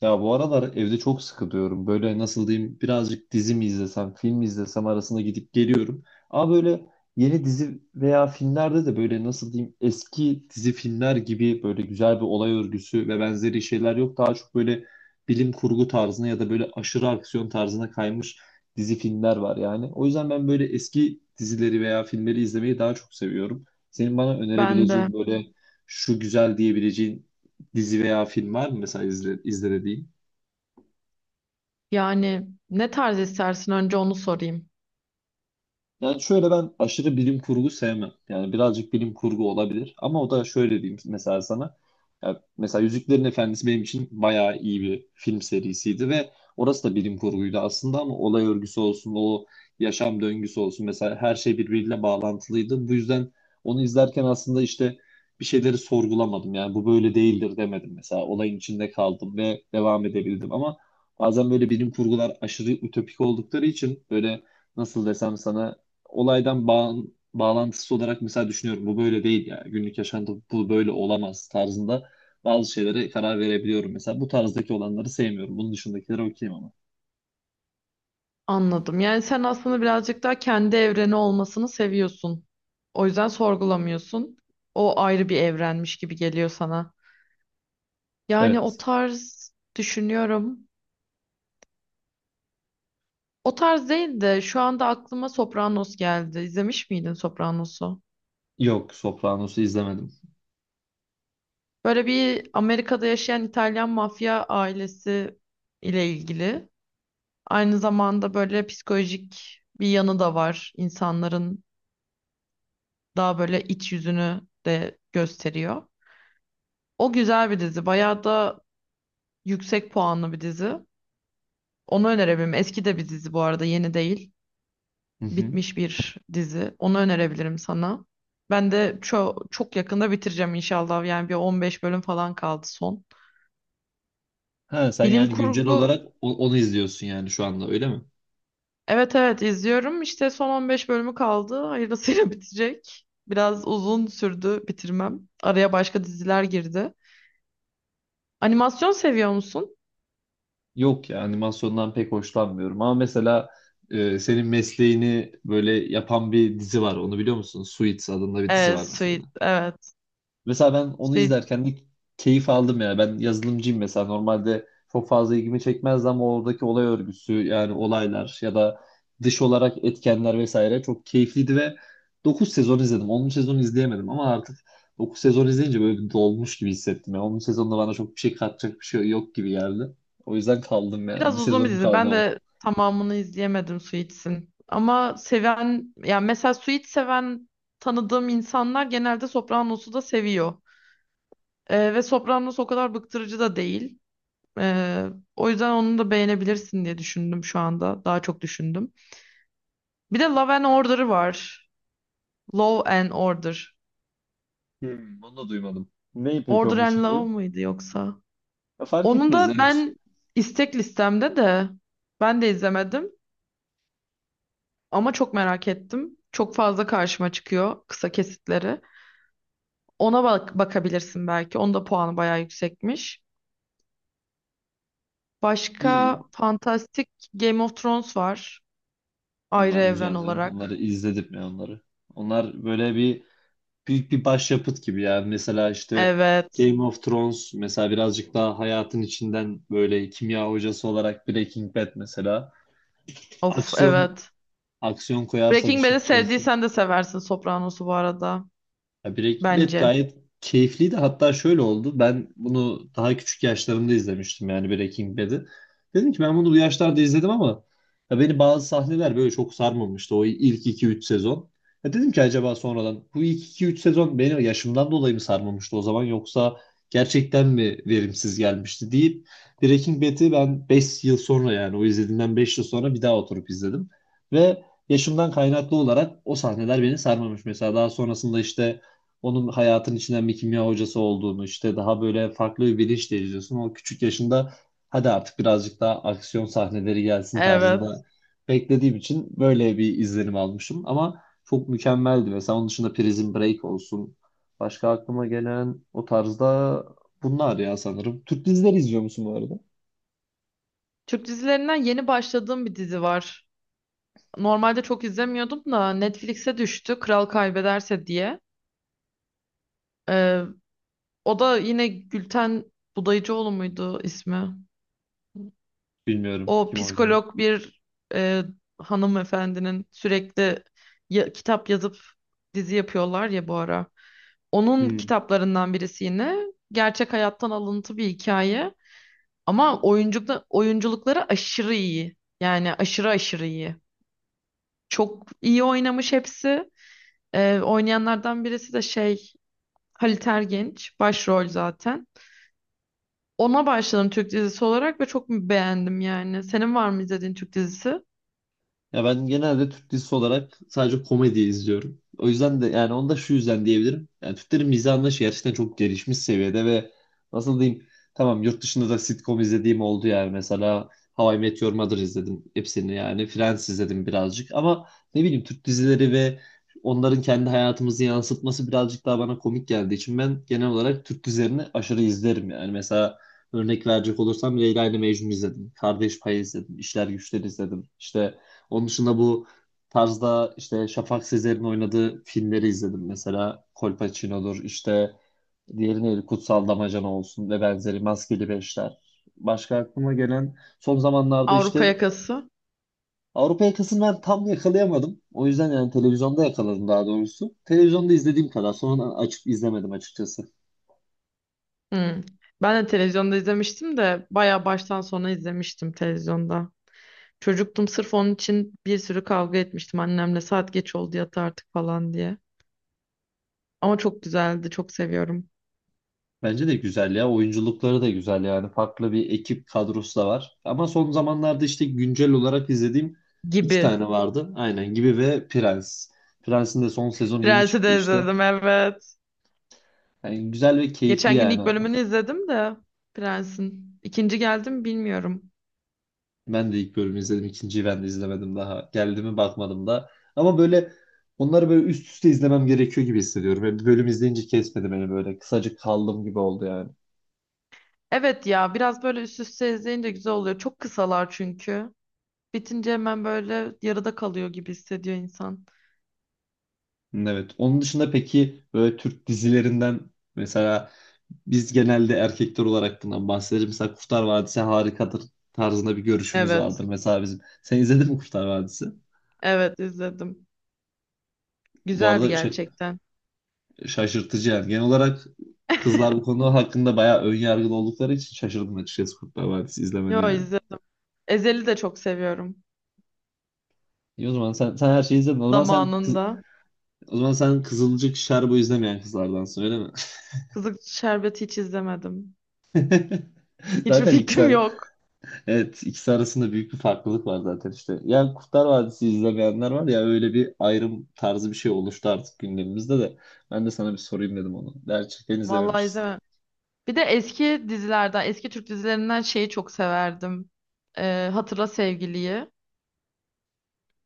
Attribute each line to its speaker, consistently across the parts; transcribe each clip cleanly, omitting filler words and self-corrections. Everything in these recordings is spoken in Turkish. Speaker 1: Ya bu aralar evde çok sıkılıyorum. Böyle nasıl diyeyim birazcık dizi mi izlesem, film mi izlesem arasında gidip geliyorum. Ama böyle yeni dizi veya filmlerde de böyle nasıl diyeyim eski dizi filmler gibi böyle güzel bir olay örgüsü ve benzeri şeyler yok. Daha çok böyle bilim kurgu tarzına ya da böyle aşırı aksiyon tarzına kaymış dizi filmler var yani. O yüzden ben böyle eski dizileri veya filmleri izlemeyi daha çok seviyorum. Senin bana
Speaker 2: Ben de
Speaker 1: önerebileceğin böyle şu güzel diyebileceğin dizi veya film var mı mesela izle, izle dediğin?
Speaker 2: yani ne tarz istersin, önce onu sorayım.
Speaker 1: Yani şöyle ben aşırı bilim kurgu sevmem. Yani birazcık bilim kurgu olabilir. Ama o da şöyle diyeyim mesela sana. Ya mesela Yüzüklerin Efendisi benim için bayağı iyi bir film serisiydi ve orası da bilim kurguydu aslında ama olay örgüsü olsun, o yaşam döngüsü olsun mesela her şey birbiriyle bağlantılıydı. Bu yüzden onu izlerken aslında işte bir şeyleri sorgulamadım. Yani bu böyle değildir demedim mesela. Olayın içinde kaldım ve devam edebildim ama bazen böyle bilim kurgular aşırı ütopik oldukları için böyle nasıl desem sana olaydan bağlantısı olarak mesela düşünüyorum bu böyle değil ya günlük yaşantı bu böyle olamaz tarzında bazı şeylere karar verebiliyorum. Mesela bu tarzdaki olanları sevmiyorum. Bunun dışındakileri okeyim ama.
Speaker 2: Anladım. Yani sen aslında birazcık daha kendi evreni olmasını seviyorsun. O yüzden sorgulamıyorsun. O ayrı bir evrenmiş gibi geliyor sana. Yani o
Speaker 1: Evet.
Speaker 2: tarz düşünüyorum. O tarz değil de şu anda aklıma Sopranos geldi. İzlemiş miydin Sopranos'u?
Speaker 1: Yok, Sopranos'u izlemedim.
Speaker 2: Böyle bir Amerika'da yaşayan İtalyan mafya ailesi ile ilgili. Aynı zamanda böyle psikolojik bir yanı da var insanların, daha böyle iç yüzünü de gösteriyor. O güzel bir dizi. Bayağı da yüksek puanlı bir dizi. Onu önerebilirim. Eski de bir dizi bu arada, yeni değil.
Speaker 1: Hı hı.
Speaker 2: Bitmiş bir dizi. Onu önerebilirim sana. Ben de çok çok yakında bitireceğim inşallah. Yani bir 15 bölüm falan kaldı son.
Speaker 1: Ha sen
Speaker 2: Bilim
Speaker 1: yani güncel
Speaker 2: kurgu,
Speaker 1: olarak onu izliyorsun yani şu anda öyle mi?
Speaker 2: evet, izliyorum. İşte son 15 bölümü kaldı. Hayırlısıyla bitecek. Biraz uzun sürdü bitirmem. Araya başka diziler girdi. Animasyon seviyor musun?
Speaker 1: Yok ya animasyondan pek hoşlanmıyorum ama mesela senin mesleğini böyle yapan bir dizi var. Onu biliyor musun? Suits adında bir dizi
Speaker 2: Evet,
Speaker 1: var mesela.
Speaker 2: Sweet. Evet.
Speaker 1: Mesela ben onu
Speaker 2: Suits
Speaker 1: izlerken de keyif aldım ya. Ben yazılımcıyım mesela. Normalde çok fazla ilgimi çekmezdi ama oradaki olay örgüsü yani olaylar ya da dış olarak etkenler vesaire çok keyifliydi ve 9 sezon izledim. 10. sezonu izleyemedim ama artık 9 sezon izleyince böyle bir dolmuş gibi hissettim. Yani 10. sezonda bana çok bir şey katacak bir şey yok gibi geldi. O yüzden kaldım yani. Bir
Speaker 2: biraz uzun bir
Speaker 1: sezonum
Speaker 2: dizi.
Speaker 1: kaldı
Speaker 2: Ben
Speaker 1: ama.
Speaker 2: de tamamını izleyemedim Suits'in. Ama seven, yani mesela Suits seven tanıdığım insanlar genelde Sopranos'u da seviyor. Ve Sopranos o kadar bıktırıcı da değil. Ee, O yüzden onu da beğenebilirsin diye düşündüm şu anda. Daha çok düşündüm. Bir de Love and Order var. Law and Order.
Speaker 1: Hmm, onu da duymadım. Neyi peki
Speaker 2: Order
Speaker 1: onun
Speaker 2: and Love
Speaker 1: içeriği?
Speaker 2: mıydı yoksa?
Speaker 1: Ya fark
Speaker 2: Onun
Speaker 1: etmez
Speaker 2: da
Speaker 1: yani.
Speaker 2: ben istek listemde de ben de izlemedim. Ama çok merak ettim. Çok fazla karşıma çıkıyor kısa kesitleri. Ona bak, bakabilirsin belki. Onun da puanı bayağı yüksekmiş. Başka
Speaker 1: İyi.
Speaker 2: fantastik Game of Thrones var. Ayrı
Speaker 1: Onlar
Speaker 2: evren
Speaker 1: güzel canım. Onları
Speaker 2: olarak.
Speaker 1: izledim ya onları. Onlar böyle bir büyük bir başyapıt gibi yani. Mesela işte
Speaker 2: Evet.
Speaker 1: Game of Thrones mesela birazcık daha hayatın içinden böyle kimya hocası olarak Breaking Bad mesela.
Speaker 2: Of,
Speaker 1: Aksiyon
Speaker 2: evet.
Speaker 1: aksiyon koyarsak
Speaker 2: Breaking
Speaker 1: işin
Speaker 2: Bad'i
Speaker 1: içerisine.
Speaker 2: sevdiysen de seversin Sopranos'u bu arada.
Speaker 1: Ya Breaking Bad
Speaker 2: Bence.
Speaker 1: gayet keyifliydi. Hatta şöyle oldu. Ben bunu daha küçük yaşlarımda izlemiştim yani Breaking Bad'i. Dedim ki ben bunu bu yaşlarda izledim ama ya beni bazı sahneler böyle çok sarmamıştı o ilk iki üç sezon. Ya dedim ki acaba sonradan bu ilk iki üç sezon beni yaşımdan dolayı mı sarmamıştı o zaman yoksa gerçekten mi verimsiz gelmişti deyip Breaking Bad'i ben 5 yıl sonra yani o izlediğimden 5 yıl sonra bir daha oturup izledim. Ve yaşımdan kaynaklı olarak o sahneler beni sarmamış. Mesela daha sonrasında işte onun hayatın içinden bir kimya hocası olduğunu işte daha böyle farklı bir bilinç de izliyorsun. O küçük yaşında hadi artık birazcık daha aksiyon sahneleri gelsin tarzında
Speaker 2: Evet.
Speaker 1: beklediğim için böyle bir izlenim almışım. Ama çok mükemmeldi. Mesela onun dışında Prison Break olsun. Başka aklıma gelen o tarzda bunlar ya sanırım. Türk dizileri izliyor musun bu arada?
Speaker 2: Türk dizilerinden yeni başladığım bir dizi var. Normalde çok izlemiyordum da Netflix'e düştü. Kral Kaybederse diye. Ee, O da yine Gülten Budayıcıoğlu muydu ismi?
Speaker 1: Bilmiyorum
Speaker 2: O
Speaker 1: kim oynuyor.
Speaker 2: psikolog bir, e, hanımefendinin sürekli kitap yazıp dizi yapıyorlar ya bu ara. Onun
Speaker 1: Hmm.
Speaker 2: kitaplarından birisi yine gerçek hayattan alıntı bir hikaye, ama oyunculukta oyunculukları aşırı iyi. Yani aşırı aşırı iyi. Çok iyi oynamış hepsi. Oynayanlardan birisi de Halit Ergenç başrol zaten. Ona başladım Türk dizisi olarak ve çok beğendim yani. Senin var mı izlediğin Türk dizisi?
Speaker 1: Ya ben genelde Türk dizisi olarak sadece komedi izliyorum. O yüzden de yani onu da şu yüzden diyebilirim. Yani Türklerin mizah anlayışı gerçekten çok gelişmiş seviyede ve nasıl diyeyim tamam yurt dışında da sitcom izlediğim oldu yani mesela How I Met Your Mother izledim hepsini yani Friends izledim birazcık ama ne bileyim Türk dizileri ve onların kendi hayatımızı yansıtması birazcık daha bana komik geldiği için ben genel olarak Türk dizilerini aşırı izlerim yani mesela örnek verecek olursam Leyla ile Mecnun izledim. Kardeş Payı izledim. İşler Güçler izledim. İşte onun dışında bu tarzda işte Şafak Sezer'in oynadığı filmleri izledim. Mesela Kolpaçino'dur işte diğeri neydi Kutsal Damacana olsun ve benzeri Maskeli Beşler. Başka aklıma gelen son zamanlarda
Speaker 2: Avrupa
Speaker 1: işte
Speaker 2: Yakası.
Speaker 1: Avrupa Yakasını ben tam yakalayamadım. O yüzden yani televizyonda yakaladım daha doğrusu. Televizyonda izlediğim kadar. Sonra açıp izlemedim açıkçası.
Speaker 2: Hmm. Ben de televizyonda izlemiştim de bayağı baştan sona izlemiştim televizyonda. Çocuktum, sırf onun için bir sürü kavga etmiştim annemle, saat geç oldu yat artık falan diye. Ama çok güzeldi, çok seviyorum
Speaker 1: Bence de güzel ya. Oyunculukları da güzel yani. Farklı bir ekip kadrosu da var. Ama son zamanlarda işte güncel olarak izlediğim iki
Speaker 2: gibi.
Speaker 1: tane vardı. Aynen gibi ve Prens. Prens'in de son sezonu yeni
Speaker 2: Prens'i
Speaker 1: çıktı
Speaker 2: de
Speaker 1: işte.
Speaker 2: izledim, evet.
Speaker 1: Yani güzel ve keyifli
Speaker 2: Geçen gün ilk
Speaker 1: yani.
Speaker 2: bölümünü izledim de Prens'in. İkinci geldi mi bilmiyorum.
Speaker 1: Ben de ilk bölümü izledim. İkinciyi ben de izlemedim daha. Geldi mi bakmadım da. Ama böyle onları böyle üst üste izlemem gerekiyor gibi hissediyorum. Yani bir bölüm izleyince kesmedi beni böyle. Kısacık kaldım gibi oldu yani.
Speaker 2: Evet ya, biraz böyle üst üste izleyince güzel oluyor. Çok kısalar çünkü. Bitince hemen böyle yarıda kalıyor gibi hissediyor insan.
Speaker 1: Evet. Onun dışında peki böyle Türk dizilerinden mesela biz genelde erkekler olarak bundan bahsederiz. Mesela Kurtlar Vadisi harikadır tarzında bir görüşümüz
Speaker 2: Evet.
Speaker 1: vardır mesela bizim. Sen izledin mi Kurtlar Vadisi?
Speaker 2: Evet, izledim.
Speaker 1: Bu
Speaker 2: Güzeldi
Speaker 1: arada
Speaker 2: gerçekten.
Speaker 1: şaşırtıcı yani. Genel olarak kızlar bu konu hakkında bayağı ön yargılı oldukları için şaşırdım açıkçası Kurtlar Vadisi izlemene
Speaker 2: Yo,
Speaker 1: yani.
Speaker 2: izledim. Ezel'i de çok seviyorum.
Speaker 1: İyi o zaman sen her şeyi izledin. O zaman sen kız-
Speaker 2: Zamanında.
Speaker 1: o zaman sen Kızılcık Şerbo izlemeyen kızlardansın öyle mi?
Speaker 2: Kızık Şerbeti hiç izlemedim. Hiçbir
Speaker 1: Zaten iki
Speaker 2: fikrim
Speaker 1: tane.
Speaker 2: yok.
Speaker 1: Evet, ikisi arasında büyük bir farklılık var zaten işte. Yani Kurtlar Vadisi izlemeyenler var ya öyle bir ayrım tarzı bir şey oluştu artık gündemimizde de. Ben de sana bir sorayım dedim onu. Gerçekten
Speaker 2: Vallahi
Speaker 1: izlememişsin.
Speaker 2: izlemem. Bir de eski dizilerden, eski Türk dizilerinden şeyi çok severdim. Hatırla Sevgili'yi.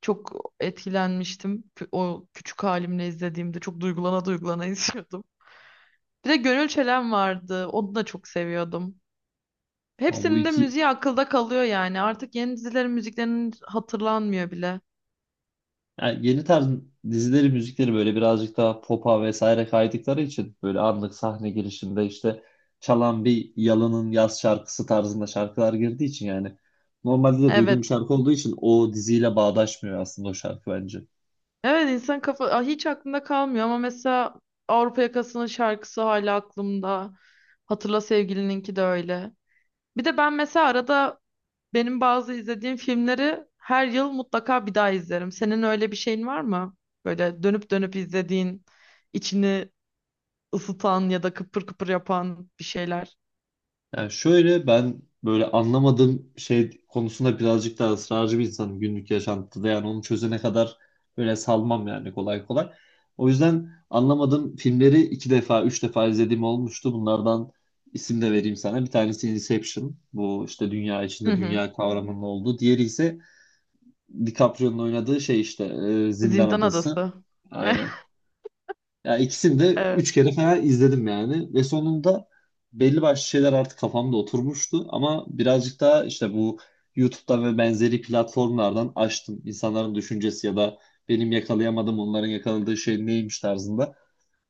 Speaker 2: Çok etkilenmiştim. O küçük halimle izlediğimde çok duygulana duygulana izliyordum. Bir de Gönül Çelen vardı. Onu da çok seviyordum.
Speaker 1: Ama bu
Speaker 2: Hepsinin de
Speaker 1: iki
Speaker 2: müziği akılda kalıyor yani. Artık yeni dizilerin müziklerinin hatırlanmıyor bile.
Speaker 1: yani yeni tarz dizileri, müzikleri böyle birazcık daha pop'a vesaire kaydıkları için böyle anlık sahne girişinde işte çalan bir Yalın'ın yaz şarkısı tarzında şarkılar girdiği için yani normalde de
Speaker 2: Evet.
Speaker 1: duyduğum bir şarkı olduğu için o diziyle bağdaşmıyor aslında o şarkı bence.
Speaker 2: Evet insan kafa, aa, hiç aklında kalmıyor ama mesela Avrupa Yakası'nın şarkısı hala aklımda. Hatırla Sevgili'ninki de öyle. Bir de ben mesela arada, benim bazı izlediğim filmleri her yıl mutlaka bir daha izlerim. Senin öyle bir şeyin var mı? Böyle dönüp dönüp izlediğin, içini ısıtan ya da kıpır kıpır yapan bir şeyler.
Speaker 1: Yani şöyle ben böyle anlamadığım şey konusunda birazcık daha ısrarcı bir insanım günlük yaşantıda. Yani onu çözene kadar böyle salmam yani kolay kolay. O yüzden anlamadığım filmleri iki defa, üç defa izlediğim olmuştu. Bunlardan isim de vereyim sana. Bir tanesi Inception. Bu işte dünya
Speaker 2: Hı
Speaker 1: içinde
Speaker 2: hı.
Speaker 1: dünya kavramının olduğu. Diğeri ise DiCaprio'nun oynadığı şey işte Zindan
Speaker 2: Zindan
Speaker 1: Adası.
Speaker 2: Adası.
Speaker 1: Aynen. Ya ikisini de
Speaker 2: Evet,
Speaker 1: üç kere falan izledim yani ve sonunda belli başlı şeyler artık kafamda oturmuştu ama birazcık daha işte bu YouTube'dan ve benzeri platformlardan açtım. İnsanların düşüncesi ya da benim yakalayamadığım onların yakaladığı şey neymiş tarzında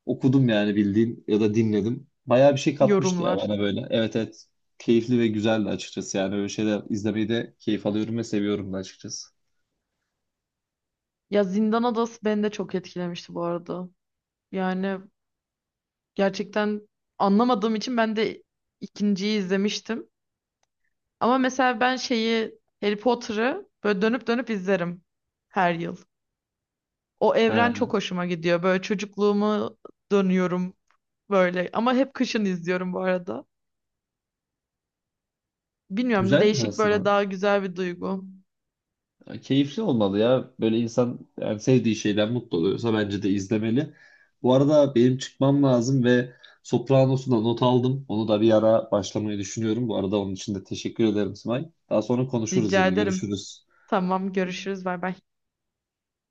Speaker 1: okudum yani bildiğin ya da dinledim. Bayağı bir şey katmıştı ya
Speaker 2: yorumlar.
Speaker 1: bana böyle. Evet, evet, keyifli ve güzeldi açıkçası yani öyle şeyler izlemeyi de keyif alıyorum ve seviyorum da açıkçası.
Speaker 2: Ya, Zindan Adası beni de çok etkilemişti bu arada. Yani gerçekten anlamadığım için ben de ikinciyi izlemiştim. Ama mesela ben şeyi Harry Potter'ı böyle dönüp dönüp izlerim her yıl. O evren çok
Speaker 1: He,
Speaker 2: hoşuma gidiyor. Böyle çocukluğumu dönüyorum böyle. Ama hep kışın izliyorum bu arada. Bilmiyorum,
Speaker 1: güzelmiş
Speaker 2: değişik, böyle
Speaker 1: aslında.
Speaker 2: daha güzel bir duygu.
Speaker 1: Ya keyifli olmalı ya. Böyle insan yani sevdiği şeyden mutlu oluyorsa bence de izlemeli. Bu arada benim çıkmam lazım ve Sopranos'u da not aldım. Onu da bir ara başlamayı düşünüyorum. Bu arada onun için de teşekkür ederim Simay. Daha sonra konuşuruz
Speaker 2: Rica
Speaker 1: yine.
Speaker 2: ederim.
Speaker 1: Görüşürüz.
Speaker 2: Tamam, görüşürüz. Bay bay.